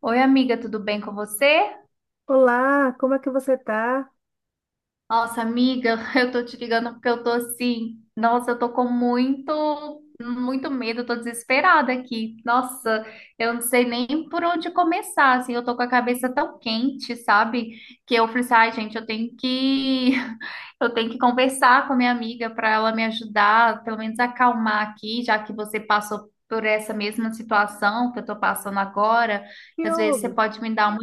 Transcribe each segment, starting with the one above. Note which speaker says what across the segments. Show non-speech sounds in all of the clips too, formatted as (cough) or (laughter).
Speaker 1: Oi, amiga, tudo bem com você?
Speaker 2: Olá, como é que você tá?
Speaker 1: Nossa, amiga, (laughs) eu tô te ligando porque eu tô assim. Nossa, eu tô com muito, muito medo, eu tô desesperada aqui. Nossa, eu não sei nem por onde começar, assim. Eu tô com a cabeça tão quente, sabe? Que eu falei assim, ai, gente, (laughs) eu tenho que conversar com a minha amiga para ela me ajudar, pelo menos acalmar aqui, já que você passou por essa mesma situação que eu tô passando agora.
Speaker 2: Que
Speaker 1: Às vezes você
Speaker 2: houve?
Speaker 1: pode me dar uma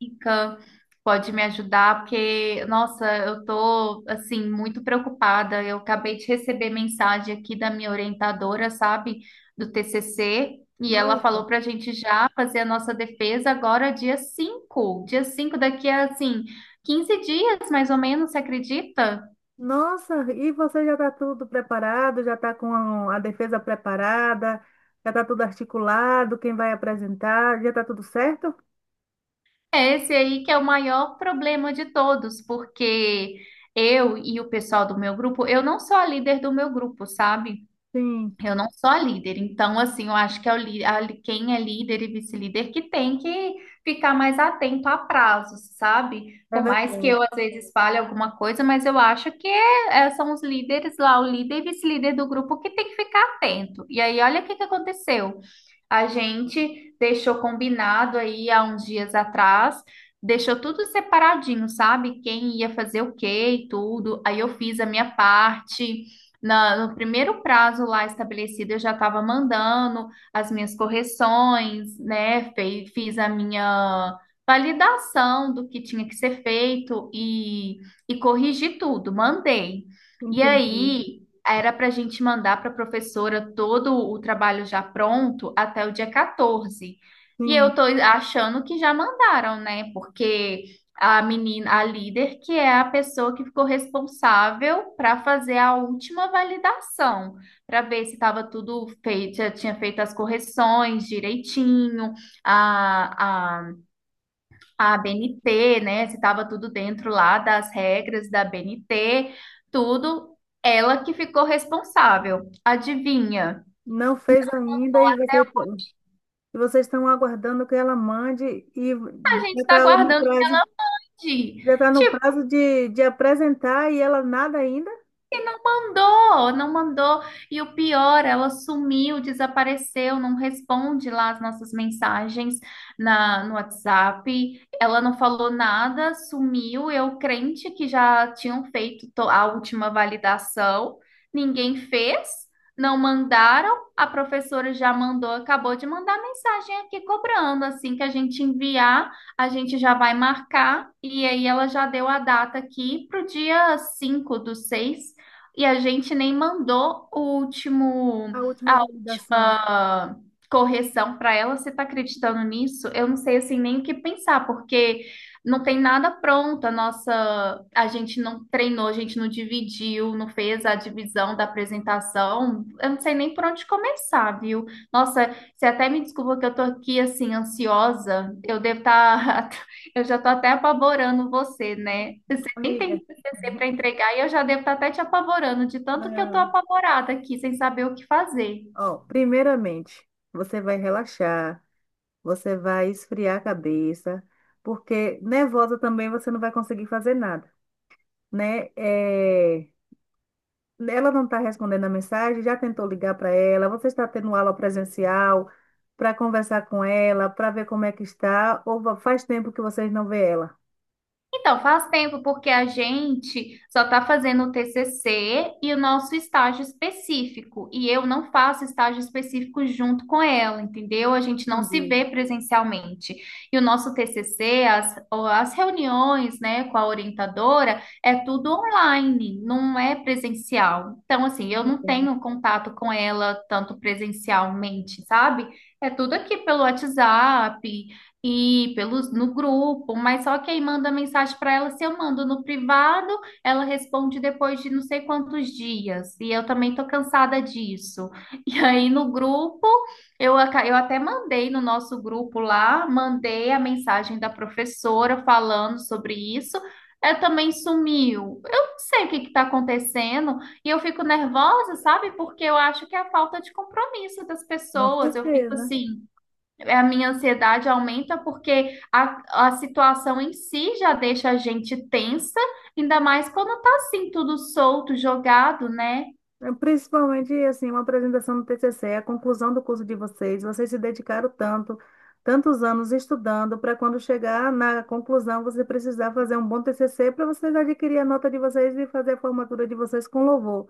Speaker 1: dica, pode me ajudar, porque, nossa, eu tô, assim, muito preocupada. Eu acabei de receber mensagem aqui da minha orientadora, sabe, do TCC, e ela
Speaker 2: Nossa,
Speaker 1: falou pra gente já fazer a nossa defesa agora dia cinco daqui a, assim, 15 dias, mais ou menos, você acredita?
Speaker 2: nossa, e você já está tudo preparado? Já está com a, defesa preparada? Já está tudo articulado? Quem vai apresentar? Já está tudo certo?
Speaker 1: É esse aí que é o maior problema de todos, porque eu e o pessoal do meu grupo, eu não sou a líder do meu grupo, sabe?
Speaker 2: Sim,
Speaker 1: Eu não sou a líder, então assim, eu acho que é o li- a li- quem é líder e vice-líder que tem que ficar mais atento a prazos, sabe?
Speaker 2: é
Speaker 1: Por mais que
Speaker 2: verdade.
Speaker 1: eu às vezes fale alguma coisa, mas eu acho que são os líderes lá, o líder e vice-líder do grupo que tem que ficar atento. E aí, olha o que que aconteceu. A gente deixou combinado aí há uns dias atrás, deixou tudo separadinho, sabe? Quem ia fazer o quê e tudo. Aí eu fiz a minha parte. No primeiro prazo lá estabelecido, eu já estava mandando as minhas correções, né? Fiz a minha validação do que tinha que ser feito e corrigi tudo, mandei. E
Speaker 2: Entendi.
Speaker 1: aí era para a gente mandar para a professora todo o trabalho já pronto até o dia 14. E eu
Speaker 2: Sim,
Speaker 1: tô achando que já mandaram, né? Porque a menina, a líder, que é a pessoa que ficou responsável para fazer a última validação, para ver se estava tudo feito, já tinha feito as correções direitinho, a, a BNT, né? Se estava tudo dentro lá das regras da BNT, tudo, ela que ficou responsável. Adivinha?
Speaker 2: não fez ainda e e vocês estão aguardando que ela mande e
Speaker 1: A gente
Speaker 2: já
Speaker 1: está
Speaker 2: está no
Speaker 1: guardando o
Speaker 2: prazo,
Speaker 1: Didi.
Speaker 2: já tá no prazo de apresentar e ela nada ainda?
Speaker 1: E não mandou, não mandou. E o pior, ela sumiu, desapareceu, não responde lá as nossas mensagens no WhatsApp. Ela não falou nada, sumiu. Eu crente que já tinham feito a última validação, ninguém fez, não mandaram. A professora já mandou, acabou de mandar mensagem aqui cobrando. Assim que a gente enviar, a gente já vai marcar. E aí ela já deu a data aqui para o dia 5 do 6. E a gente nem mandou o último,
Speaker 2: A última
Speaker 1: a
Speaker 2: validação,
Speaker 1: última correção para ela. Você está acreditando nisso? Eu não sei assim nem o que pensar, porque não tem nada pronto. A nossa, a gente não treinou, a gente não dividiu, não fez a divisão da apresentação. Eu não sei nem por onde começar, viu? Nossa, você até me desculpa que eu tô aqui assim ansiosa. Eu devo estar, (laughs) eu já tô até apavorando você, né? Você nem
Speaker 2: amiga.
Speaker 1: tem TCC para
Speaker 2: (laughs)
Speaker 1: entregar e eu já devo estar até te apavorando, de tanto que eu estou
Speaker 2: Não.
Speaker 1: apavorada aqui, sem saber o que fazer.
Speaker 2: Ó, primeiramente, você vai relaxar, você vai esfriar a cabeça, porque nervosa também você não vai conseguir fazer nada, né? É, ela não está respondendo a mensagem, já tentou ligar para ela, você está tendo aula presencial para conversar com ela, para ver como é que está, ou faz tempo que vocês não vê ela?
Speaker 1: Então, faz tempo, porque a gente só está fazendo o TCC e o nosso estágio específico. E eu não faço estágio específico junto com ela, entendeu? A gente não se
Speaker 2: Entendi.
Speaker 1: vê presencialmente. E o nosso TCC, ó, as reuniões, né, com a orientadora, é tudo online, não é presencial. Então, assim, eu não
Speaker 2: Entendi.
Speaker 1: tenho contato com ela tanto presencialmente, sabe? É tudo aqui pelo WhatsApp. E pelos no grupo, mas só que quem manda mensagem para ela, se eu mando no privado, ela responde depois de não sei quantos dias. E eu também tô cansada disso. E aí no grupo, eu até mandei no nosso grupo lá, mandei a mensagem da professora falando sobre isso. Ela também sumiu. Eu não sei o que está acontecendo e eu fico nervosa, sabe? Porque eu acho que é a falta de compromisso das
Speaker 2: Com
Speaker 1: pessoas. Eu fico
Speaker 2: certeza.
Speaker 1: assim. É, a minha ansiedade aumenta porque a situação em si já deixa a gente tensa, ainda mais quando tá assim, tudo solto, jogado, né?
Speaker 2: É, principalmente, assim, uma apresentação do TCC, a conclusão do curso de vocês, vocês se dedicaram tanto, tantos anos estudando, para quando chegar na conclusão, você precisar fazer um bom TCC para vocês adquirir a nota de vocês e fazer a formatura de vocês com louvor.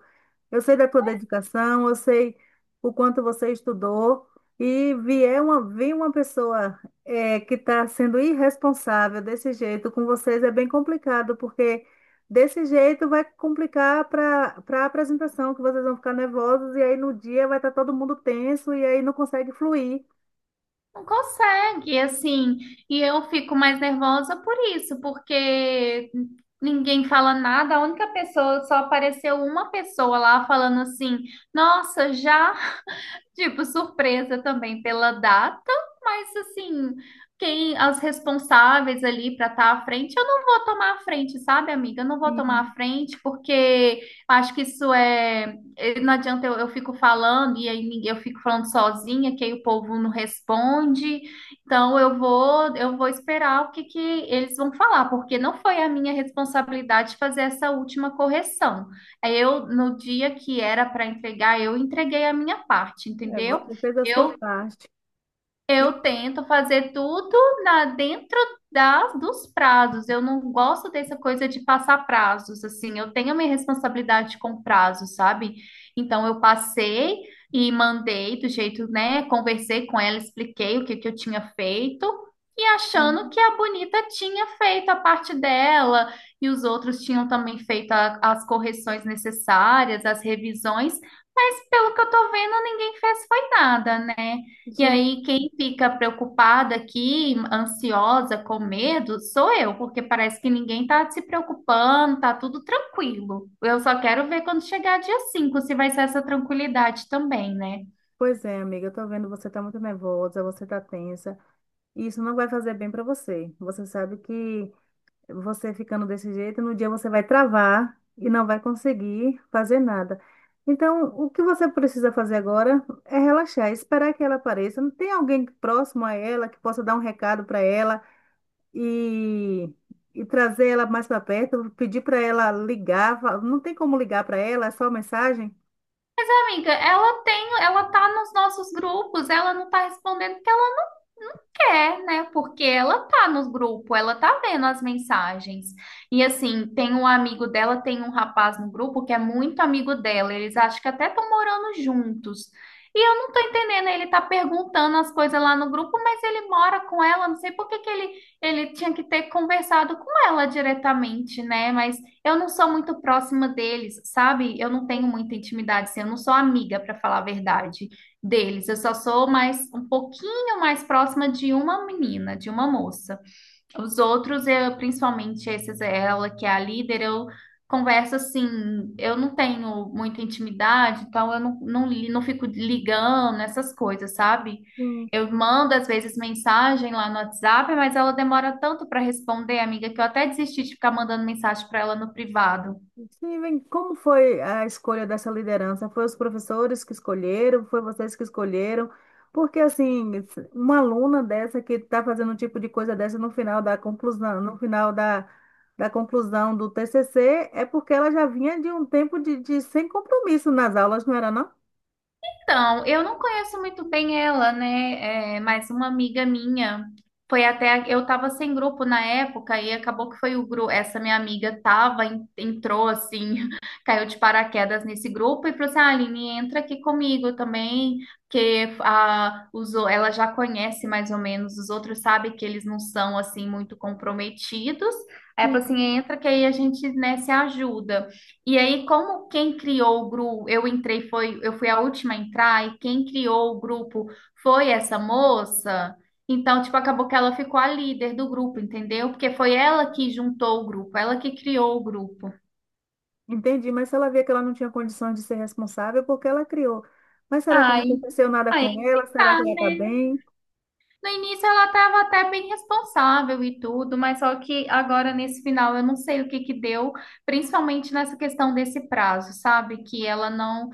Speaker 2: Eu sei da tua dedicação, eu sei o quanto você estudou, e vir uma pessoa que está sendo irresponsável desse jeito com vocês é bem complicado, porque desse jeito vai complicar para a apresentação, que vocês vão ficar nervosos, e aí no dia vai estar todo mundo tenso, e aí não consegue fluir.
Speaker 1: Não consegue, assim. E eu fico mais nervosa por isso, porque ninguém fala nada, a única pessoa, só apareceu uma pessoa lá falando assim: nossa, já. Tipo, surpresa também pela data, mas assim, quem as responsáveis ali para estar à frente, eu não vou tomar a frente, sabe, amiga? Eu não vou tomar a
Speaker 2: Sim,
Speaker 1: frente porque acho que isso é, não adianta eu, fico falando e aí eu fico falando sozinha, que aí o povo não responde. Então eu vou esperar o que que eles vão falar, porque não foi a minha responsabilidade fazer essa última correção. Aí eu, no dia que era para entregar, eu entreguei a minha parte,
Speaker 2: é,
Speaker 1: entendeu?
Speaker 2: você fez a sua
Speaker 1: Eu
Speaker 2: parte. E,
Speaker 1: eu tento fazer tudo na dentro dos prazos. Eu não gosto dessa coisa de passar prazos, assim. Eu tenho a minha responsabilidade com prazos, sabe? Então eu passei e mandei do jeito, né? Conversei com ela, expliquei o que que eu tinha feito e achando
Speaker 2: sim.
Speaker 1: que a bonita tinha feito a parte dela e os outros tinham também feito as correções necessárias, as revisões. Mas pelo que eu tô vendo, ninguém fez foi nada, né? E
Speaker 2: Gente,
Speaker 1: aí, quem fica preocupada aqui, ansiosa, com medo, sou eu, porque parece que ninguém tá se preocupando, tá tudo tranquilo. Eu só quero ver quando chegar dia 5 se vai ser essa tranquilidade também, né?
Speaker 2: pois é, amiga, eu tô vendo você tá muito nervosa, você tá tensa. E isso não vai fazer bem para você. Você sabe que você ficando desse jeito, no dia você vai travar e não vai conseguir fazer nada. Então, o que você precisa fazer agora é relaxar, esperar que ela apareça. Não tem alguém próximo a ela que possa dar um recado para ela e, e trazer ela mais para perto, pedir para ela ligar. Não tem como ligar para ela, é só mensagem?
Speaker 1: Mas, amiga, ela tá nos nossos grupos, ela não tá respondendo porque ela quer, né? Porque ela tá no grupo, ela tá vendo as mensagens. E assim, tem um amigo dela, tem um rapaz no grupo que é muito amigo dela. Eles acham que até estão morando juntos. E eu não tô entendendo, ele tá perguntando as coisas lá no grupo, mas ele mora com ela, não sei por que que ele tinha que ter conversado com ela diretamente, né? Mas eu não sou muito próxima deles, sabe? Eu não tenho muita intimidade, assim, eu não sou amiga, para falar a verdade deles. Eu só sou mais um pouquinho eu mais próxima de uma menina, de uma moça. Os outros, eu, principalmente esses, ela que é a líder, eu converso assim, eu não tenho muita intimidade, então eu não, não, não fico ligando essas coisas, sabe?
Speaker 2: Sim.
Speaker 1: Eu mando às vezes mensagem lá no WhatsApp, mas ela demora tanto para responder, amiga, que eu até desisti de ficar mandando mensagem para ela no privado.
Speaker 2: Steven, como foi a escolha dessa liderança? Foi os professores que escolheram? Foi vocês que escolheram? Porque, assim, uma aluna dessa que está fazendo um tipo de coisa dessa no final da conclusão, no final da conclusão do TCC, é porque ela já vinha de um tempo de sem compromisso nas aulas, não era, não?
Speaker 1: Então, eu não conheço muito bem ela, né? É, mas uma amiga minha foi até. Eu tava sem grupo na época e acabou que foi o grupo. Essa minha amiga tava, entrou assim, (laughs) caiu de paraquedas nesse grupo e falou assim: ah, Aline, entra aqui comigo também, porque ela já conhece mais ou menos, os outros sabem que eles não são assim muito comprometidos. Aí ela falou
Speaker 2: Sim.
Speaker 1: assim: entra que aí a gente, né, se ajuda. E aí, como quem criou o grupo, eu entrei, foi, eu fui a última a entrar, e quem criou o grupo foi essa moça, então, tipo, acabou que ela ficou a líder do grupo, entendeu? Porque foi ela que juntou o grupo, ela que criou o grupo.
Speaker 2: Entendi, mas se ela via que ela não tinha condições de ser responsável, porque ela criou. Mas será que não
Speaker 1: Ai,
Speaker 2: aconteceu nada
Speaker 1: aí
Speaker 2: com ela?
Speaker 1: que
Speaker 2: Será que
Speaker 1: tá,
Speaker 2: ela está
Speaker 1: né?
Speaker 2: bem?
Speaker 1: No início ela estava até bem responsável e tudo, mas só que agora nesse final eu não sei o que que deu, principalmente nessa questão desse prazo, sabe? Que ela não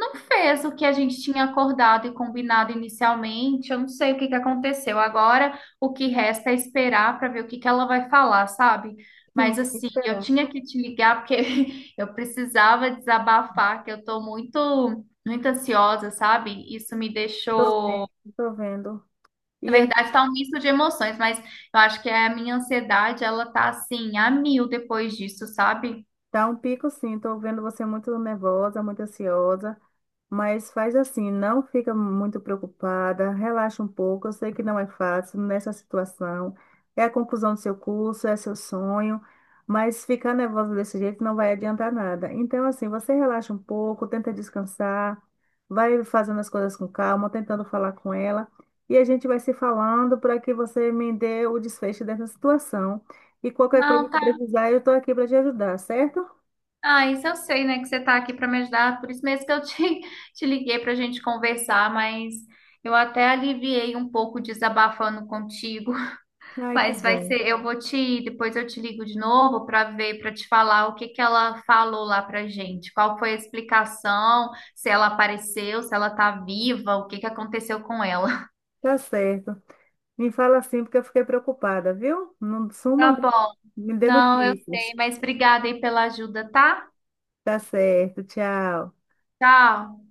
Speaker 1: não fez o que a gente tinha acordado e combinado inicialmente. Eu não sei o que que aconteceu. Agora o que resta é esperar para ver o que que ela vai falar, sabe?
Speaker 2: Sim,
Speaker 1: Mas assim, eu
Speaker 2: será.
Speaker 1: tinha que te ligar porque (laughs) eu precisava desabafar, que eu tô muito muito ansiosa, sabe? Isso me
Speaker 2: Estou vendo,
Speaker 1: deixou
Speaker 2: estou vendo. E
Speaker 1: na verdade, tá um misto de emoções, mas eu acho que a minha ansiedade, ela tá assim, a mil depois disso, sabe?
Speaker 2: tá um pico sim, tô vendo você muito nervosa, muito ansiosa, mas faz assim, não fica muito preocupada, relaxa um pouco. Eu sei que não é fácil nessa situação, é a conclusão do seu curso, é seu sonho, mas ficar nervosa desse jeito não vai adiantar nada. Então, assim, você relaxa um pouco, tenta descansar, vai fazendo as coisas com calma, tentando falar com ela, e a gente vai se falando para que você me dê o desfecho dessa situação. E qualquer coisa
Speaker 1: Não,
Speaker 2: que
Speaker 1: tá.
Speaker 2: precisar, eu estou aqui para te ajudar, certo?
Speaker 1: Ah, isso eu sei, né, que você tá aqui pra me ajudar, por isso mesmo que eu (laughs) te liguei pra gente conversar, mas eu até aliviei um pouco desabafando contigo. (laughs)
Speaker 2: Ai, que
Speaker 1: Mas vai
Speaker 2: bom.
Speaker 1: ser, depois eu te ligo de novo pra ver, pra te falar o que que ela falou lá pra gente, qual foi a explicação, se ela apareceu, se ela tá viva, o que que aconteceu com ela. (laughs)
Speaker 2: Tá certo. Me fala assim, porque eu fiquei preocupada, viu? Não suma,
Speaker 1: Tá
Speaker 2: não.
Speaker 1: bom.
Speaker 2: Me dê
Speaker 1: Não, eu sei,
Speaker 2: notícias.
Speaker 1: mas obrigada aí pela ajuda, tá?
Speaker 2: Tá certo. Tchau.
Speaker 1: Tchau.